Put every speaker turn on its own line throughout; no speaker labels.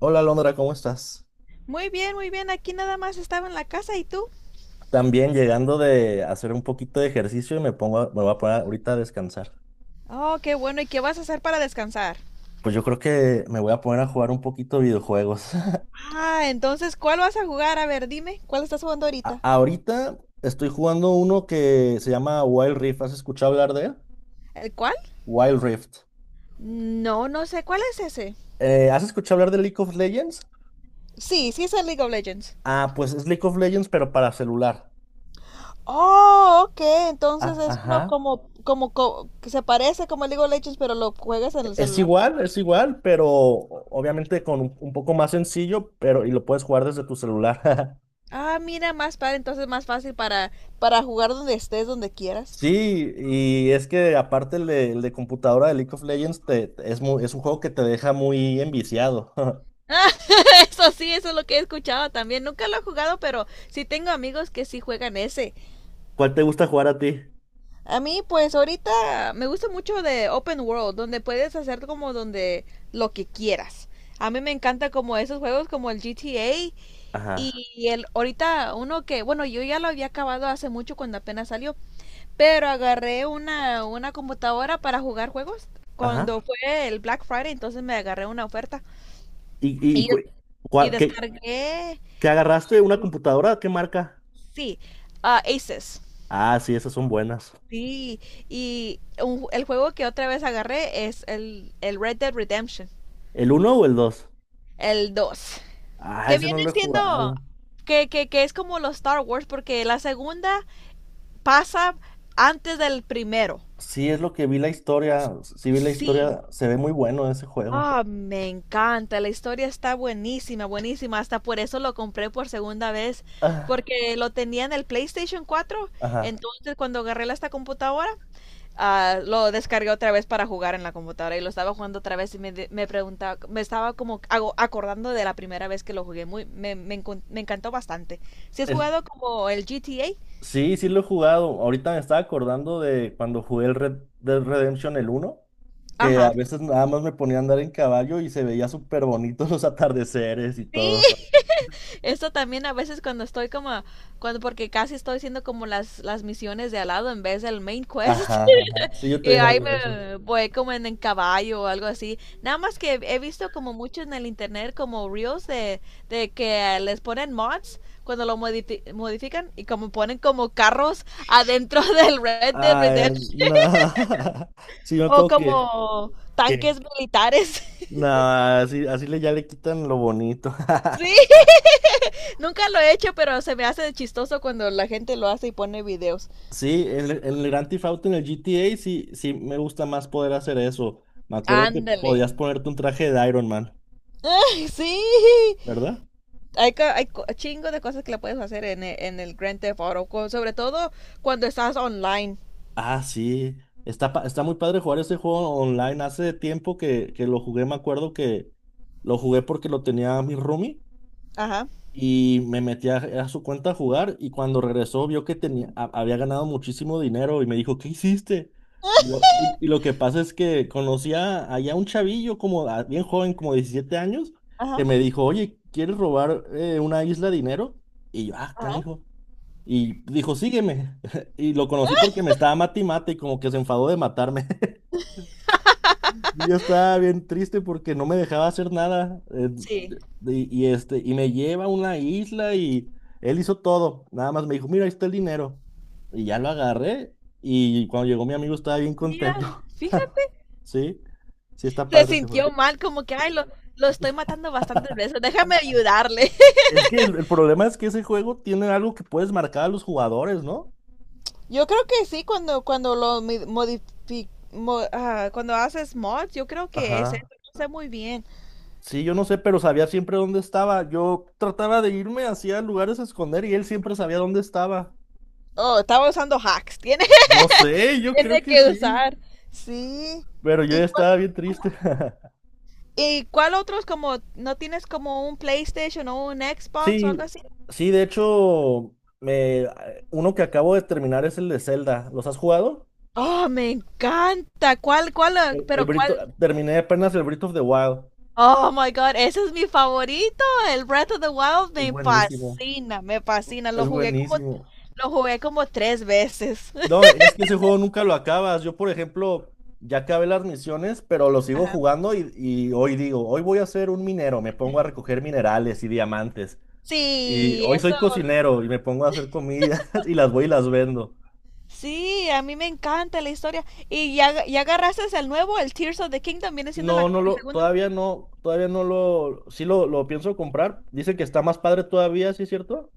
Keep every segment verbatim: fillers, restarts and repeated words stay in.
Hola Londra, ¿cómo estás?
Muy bien, muy bien. Aquí nada más estaba en la casa. ¿Y tú?
También llegando de hacer un poquito de ejercicio y me pongo, a- me voy a poner ahorita a descansar.
Oh, qué bueno. ¿Y qué vas a hacer para descansar?
Pues yo creo que me voy a poner a jugar un poquito de videojuegos.
Ah, entonces, ¿cuál vas a jugar? A ver, dime, ¿cuál estás jugando
A-
ahorita?
ahorita estoy jugando uno que se llama Wild Rift. ¿Has escuchado hablar de él?
¿El cuál?
Wild Rift.
No, no sé. ¿Cuál es ese?
Eh, ¿has escuchado hablar de League of Legends?
Sí, sí es el League of Legends.
Ah, pues es League of Legends, pero para celular.
Oh, ok. Entonces
Ah,
es uno
ajá.
como, como, co- que se parece como el League of Legends, pero lo juegas en el
Es
celular.
igual, es igual, pero obviamente con un un poco más sencillo, pero y lo puedes jugar desde tu celular.
Ah, mira, más padre, entonces más fácil para, para jugar donde estés, donde quieras.
Sí, y es que aparte el de, el de computadora de League of Legends te- es, mu- es un juego que te deja muy enviciado.
Ah, eso sí, eso es lo que he escuchado también. Nunca lo he jugado, pero sí tengo amigos que sí juegan ese.
¿Cuál te gusta jugar a ti?
A mí, pues ahorita me gusta mucho de Open World, donde puedes hacer como donde lo que quieras. A mí me encanta como esos juegos como el G T A
Ajá,
y el ahorita uno que, bueno, yo ya lo había acabado hace mucho cuando apenas salió, pero agarré una, una computadora para jugar juegos
ajá.
cuando fue el Black Friday. Entonces me agarré una oferta
¿Y, y, y
y,
cu-
y
cua- qué,
descargué.
Qué agarraste? ¿Una computadora? ¿Qué marca?
Sí, ah, Aces.
Ah, sí, esas son buenas.
Sí, y un- el juego que otra vez agarré es el, el Red Dead Redemption,
¿El uno o el dos?
el dos,
Ah,
que
ese no
viene
lo he
siendo,
jugado.
que, que, que es como los Star Wars, porque la segunda pasa antes del primero.
Sí, es lo que vi la historia. Sí vi la
Sí.
historia. Se ve muy bueno ese juego.
Ah, me encanta, la historia está buenísima, buenísima, hasta por eso lo compré por segunda vez,
Ah,
porque lo tenía en el PlayStation cuatro.
ajá.
Entonces cuando agarré la esta computadora, ah, lo descargué otra vez para jugar en la computadora y lo estaba jugando otra vez y me, me preguntaba, me estaba como hago acordando de la primera vez que lo jugué. Muy, me, me, encon- Me encantó bastante. Si has
Es-
jugado como el G T A,
Sí, sí lo he jugado. Ahorita me estaba acordando de cuando jugué el Red Dead Redemption el uno, que a
ajá.
veces nada más me ponía a andar en caballo y se veía súper bonitos los atardeceres y
Sí,
todo.
esto también a veces cuando estoy como, cuando porque casi estoy haciendo como las, las misiones de al lado en vez del main quest.
Ajá, ajá. Sí, yo
Y
también
ahí
hago eso.
me voy como en, en caballo o algo así. Nada más que he visto como mucho en el internet como reels de, de que les ponen mods cuando lo modifi- modifican y como ponen como carros adentro del Red Dead
Ah,
Redemption
no. Sí, me
o
acuerdo que,
como
que,
tanques militares.
no, así, así le, ya le quitan lo bonito.
Sí, nunca lo he hecho, pero se me hace chistoso cuando la gente lo hace y pone videos.
Sí, en, el en el Grand Theft Auto, en el G T A, sí, sí me gusta más poder hacer eso. Me acuerdo que
Ándale.
podías ponerte un traje de Iron Man,
Ay, sí,
¿verdad?
hay, hay chingo de cosas que le puedes hacer en, el- en el Grand Theft Auto, con- sobre todo cuando estás online.
Ah, sí. Está, pa- está muy padre jugar ese juego online. Hace tiempo que, que lo jugué, me acuerdo que lo jugué porque lo tenía mi roomie
Ajá.
y me metí a, a su cuenta a jugar y cuando regresó vio que tenía, ha- había ganado muchísimo dinero y me dijo, ¿qué hiciste? Y lo, y, y lo que pasa es que conocía allá un chavillo como a- bien joven, como diecisiete años, que
Ajá.
me dijo, oye, ¿quieres robar eh, una isla de dinero? Y yo, ah,
Ajá.
canijo. Y dijo, sígueme. Y lo conocí porque me estaba mate y mate y como que se enfadó de matarme. Yo estaba bien triste porque no me dejaba hacer nada. eh,
Sí.
y, y este, y me lleva a una isla y él hizo todo. Nada más me dijo, mira, ahí está el dinero. Y ya lo agarré. Y cuando llegó mi amigo estaba bien
Mira,
contento.
fíjate.
Sí, sí está
Se
padre ese juego.
sintió mal, como que, ay, lo, lo estoy matando bastantes veces, déjame ayudarle.
Es que el, el problema es que ese juego tiene algo que puedes marcar a los jugadores, ¿no?
Yo creo que sí, cuando, cuando lo mi- mo- ah, cuando haces mods, yo creo que es eso,
Ajá.
no sé muy bien.
Sí, yo no sé, pero sabía siempre dónde estaba. Yo trataba de irme hacia lugares a esconder y él siempre sabía dónde estaba.
Oh, estaba usando hacks, tiene,
No sé, yo creo
tiene
que
que
sí,
usar. Sí.
pero yo
¿Y
ya
cuál-
estaba bien triste.
¿Y cuál otros como no tienes como un PlayStation o un Xbox o algo
Sí,
así?
sí, de hecho, me, uno que acabo de terminar es el de Zelda. ¿Los has jugado?
Oh, me encanta. ¿Cuál, cuál, eh,
El, el
¿pero cuál?
Brito, terminé apenas el Breath of the Wild.
Oh my God, ese es mi favorito. El Breath of the Wild
Es
me
buenísimo,
fascina, me fascina. Lo
es
jugué como,
buenísimo.
lo jugué como tres veces.
No, es que ese juego nunca lo acabas. Yo, por ejemplo, ya acabé las misiones, pero lo sigo
Ajá.
jugando y, y hoy digo, hoy voy a ser un minero, me pongo a recoger minerales y diamantes. Y
Sí,
hoy
eso.
soy cocinero y me pongo a hacer comidas y las voy y las vendo.
Sí, a mí me encanta la historia. Y ya, ya agarraste el nuevo, el Tears of the Kingdom, viene siendo
No,
la-
no
el
lo,
segundo.
todavía no, todavía no lo, sí lo, lo pienso comprar. Dice que está más padre todavía, ¿sí es cierto?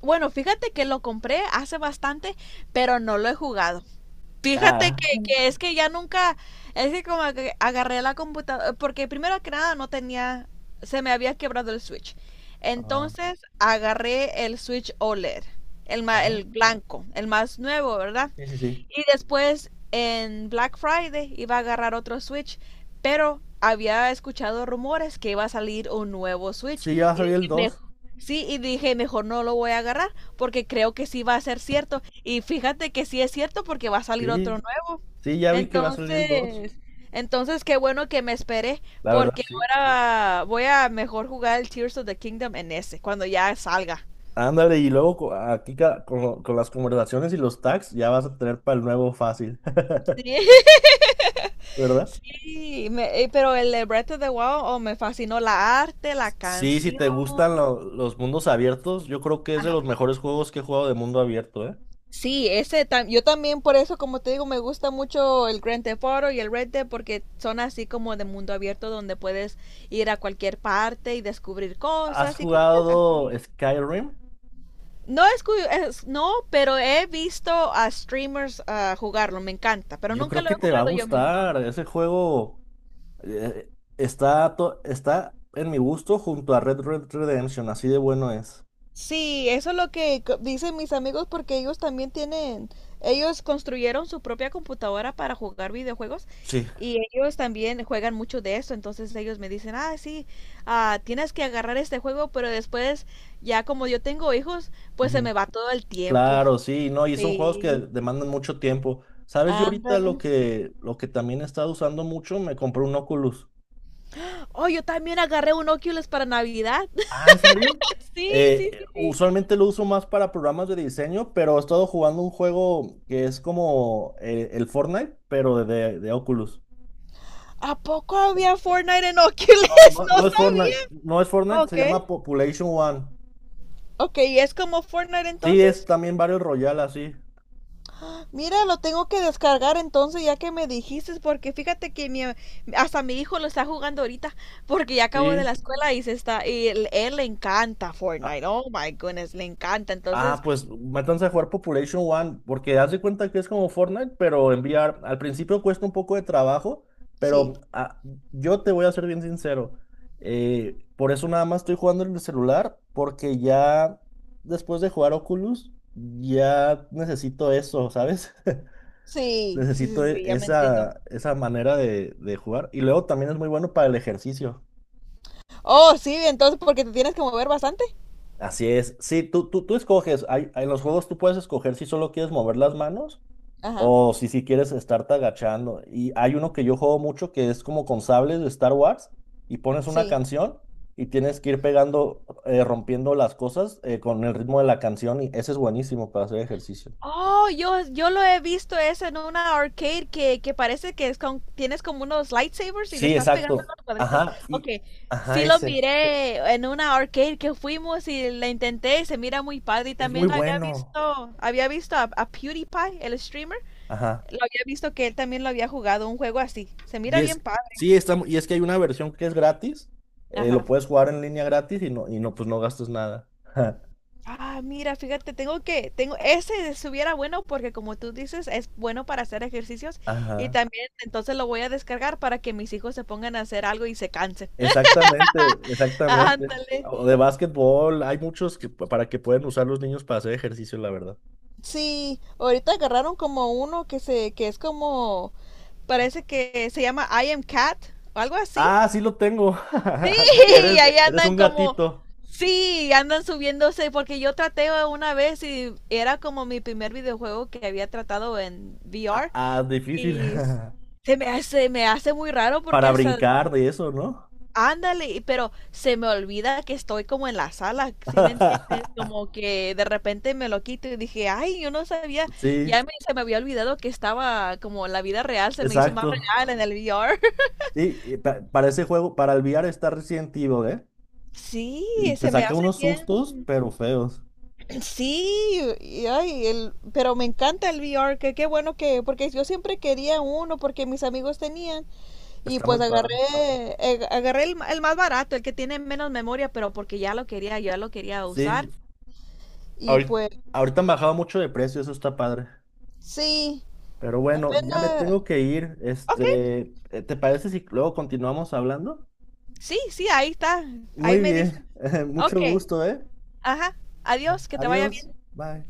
Bueno, fíjate que lo compré hace bastante, pero no lo he jugado. Fíjate
Ah,
que, que es que ya nunca, es que como que agarré la computadora, porque primero que nada no tenía, se me había quebrado el Switch.
ah,
Entonces agarré el Switch O L E D, el, ma-
ajá.
el blanco, el más nuevo, ¿verdad?
Sí, sí, sí.
Y después en Black Friday iba a agarrar otro Switch, pero había escuchado rumores que iba a salir un nuevo Switch.
Sí, ya va a
Y
salir el
dije,
dos.
sí, y dije, mejor no lo voy a agarrar porque creo que sí va a ser cierto. Y fíjate que sí es cierto porque va a salir otro
Sí,
nuevo.
sí, ya vi que va a salir el dos.
Entonces, entonces qué bueno que me esperé
La verdad,
porque
sí.
ahora voy a mejor jugar el Tears of the Kingdom en ese, cuando ya salga.
Ándale, y luego co- aquí ca- con, lo- con las conversaciones y los tags ya vas a tener para el nuevo fácil,
Sí,
¿verdad?
sí, me- eh, pero el de Breath of the Wild, oh, me fascinó la arte, la
Sí, si
canción.
te gustan lo- los mundos abiertos, yo creo que es de los mejores juegos que he jugado de mundo abierto, ¿eh?
Sí, ese tam yo también por eso, como te digo, me gusta mucho el Grand Theft Auto y el Red Dead porque son así como de mundo abierto donde puedes ir a cualquier parte y descubrir
¿Has
cosas y cosas
jugado
así.
Skyrim?
No es, cu- es- no, pero he visto a streamers ah, jugarlo, me encanta, pero
Yo
nunca
creo
lo he
que te va a
jugado yo misma.
gustar. Ese juego eh, está, to- está en mi gusto junto a Red Red Redemption, así de bueno es.
Sí, eso es lo que co- dicen mis amigos porque ellos también tienen, ellos construyeron su propia computadora para jugar videojuegos
Sí.
y ellos también juegan mucho de eso, entonces ellos me dicen, ah, sí, ah, tienes que agarrar este juego, pero después ya como yo tengo hijos, pues se me va todo el tiempo.
Claro, sí, no, y son juegos que
Sí,
demandan mucho tiempo. ¿Sabes? Yo ahorita lo
ándale.
que, lo que también he estado usando mucho, me compré un Oculus.
Oh, yo también agarré un Oculus para Navidad.
Ah, ¿en serio?
Sí, sí,
Eh,
sí, sí.
usualmente lo uso más para programas de diseño, pero he estado jugando un juego que es como eh, el Fortnite, pero de, de Oculus.
¿A poco había Fortnite en
No,
Oculus?
no,
No
no es
sabía.
Fortnite, no es Fortnite, se llama
Ok.
Population One.
Ok, ¿y es como Fortnite
Sí, es
entonces?
también Battle Royale, así.
Mira, lo tengo que descargar entonces ya que me dijiste, porque fíjate que mi, hasta mi hijo lo está jugando ahorita, porque ya acabó de la
Sí.
escuela y se está, y él, él le encanta Fortnite, oh my goodness, le encanta,
Ah,
entonces,
pues métanse a jugar Population One, porque haz de cuenta que es como Fortnite, pero enviar, al principio cuesta un poco de trabajo,
sí,
pero ah, yo te voy a ser bien sincero, eh, por eso nada más estoy jugando en el celular, porque ya después de jugar Oculus, ya necesito eso, ¿sabes?
sí, sí, sí,
Necesito e-
sí, ya me entiendo.
esa, esa manera de, de jugar, y luego también es muy bueno para el ejercicio.
Oh, sí, entonces porque te tienes que mover bastante.
Así es, sí, tú, tú, tú escoges, hay, en los juegos tú puedes escoger si solo quieres mover las manos.
Ajá,
O si si quieres estarte agachando. Y hay uno que yo juego mucho que es como con sables de Star Wars y pones una
sí.
canción y tienes que ir pegando, eh, rompiendo las cosas eh, con el ritmo de la canción y ese es buenísimo para hacer ejercicio.
Oh, yo, yo lo he visto eso en una arcade que, que parece que es con- tienes como unos lightsabers y le
Sí,
estás pegando a
exacto.
los cuadritos.
Ajá,
Ok,
y ajá,
sí lo
ese.
miré en una arcade que fuimos y la intenté y se mira muy padre. Y
Es muy
también había
bueno.
visto, había visto a, a PewDiePie, el streamer,
Ajá.
lo había visto que él también lo había jugado un juego así. Se
Y
mira bien
es,
padre.
sí, está, mu- y es que hay una versión que es gratis. Eh, lo
Ajá.
puedes jugar en línea gratis y no, y no, pues no gastas nada.
Ah, mira, fíjate, tengo que, tengo, ese estuviera bueno porque como tú dices, es bueno para hacer ejercicios y
Ajá.
también entonces lo voy a descargar para que mis hijos se pongan a hacer algo y se cansen.
Exactamente, exactamente.
Ándale.
O de básquetbol, hay muchos que para que pueden usar los niños para hacer ejercicio, la verdad.
Sí, ahorita agarraron como uno que se, que es como, parece que se llama I am Cat o algo así.
Ah, sí lo tengo.
Sí,
Que eres,
ahí
eres
andan
un
como,
gatito.
sí, andan subiéndose porque yo traté una vez y era como mi primer videojuego que había tratado en
Ah,
V R.
ah, difícil.
Y s- Se me hace, me hace muy raro porque
Para
hasta,
brincar de eso, ¿no?
ándale, y- pero se me olvida que estoy como en la sala, ¿sí me entiendes? Como que de repente me lo quito y dije, ay, yo no sabía,
Sí,
ya me- se me había olvidado que estaba como en la vida real, se me hizo más
exacto.
real en el V R.
Sí, y pa- para ese juego, para el V R está Resident Evil, ¿eh?
Sí,
Y te
se me
saca
hace
unos sustos,
bien.
pero feos.
Sí, y ay, el, pero me encanta el V R, que qué bueno que, porque yo siempre quería uno, porque mis amigos tenían, y
Está muy
pues agarré,
padre.
eh, agarré el, el más barato, el que tiene menos memoria, pero porque ya lo quería, ya lo quería usar.
Sí,
Y
ahorita,
pues
ahorita han bajado mucho de precio, eso está padre.
sí,
Pero bueno, ya me
apenas...
tengo que ir.
Ok,
Este, eh, ¿te parece si luego continuamos hablando?
sí, sí, ahí está. Ahí
Muy
me
bien,
dicen. Ok,
mucho gusto, ¿eh?
ajá. Adiós, que te vaya
Adiós,
bien.
bye.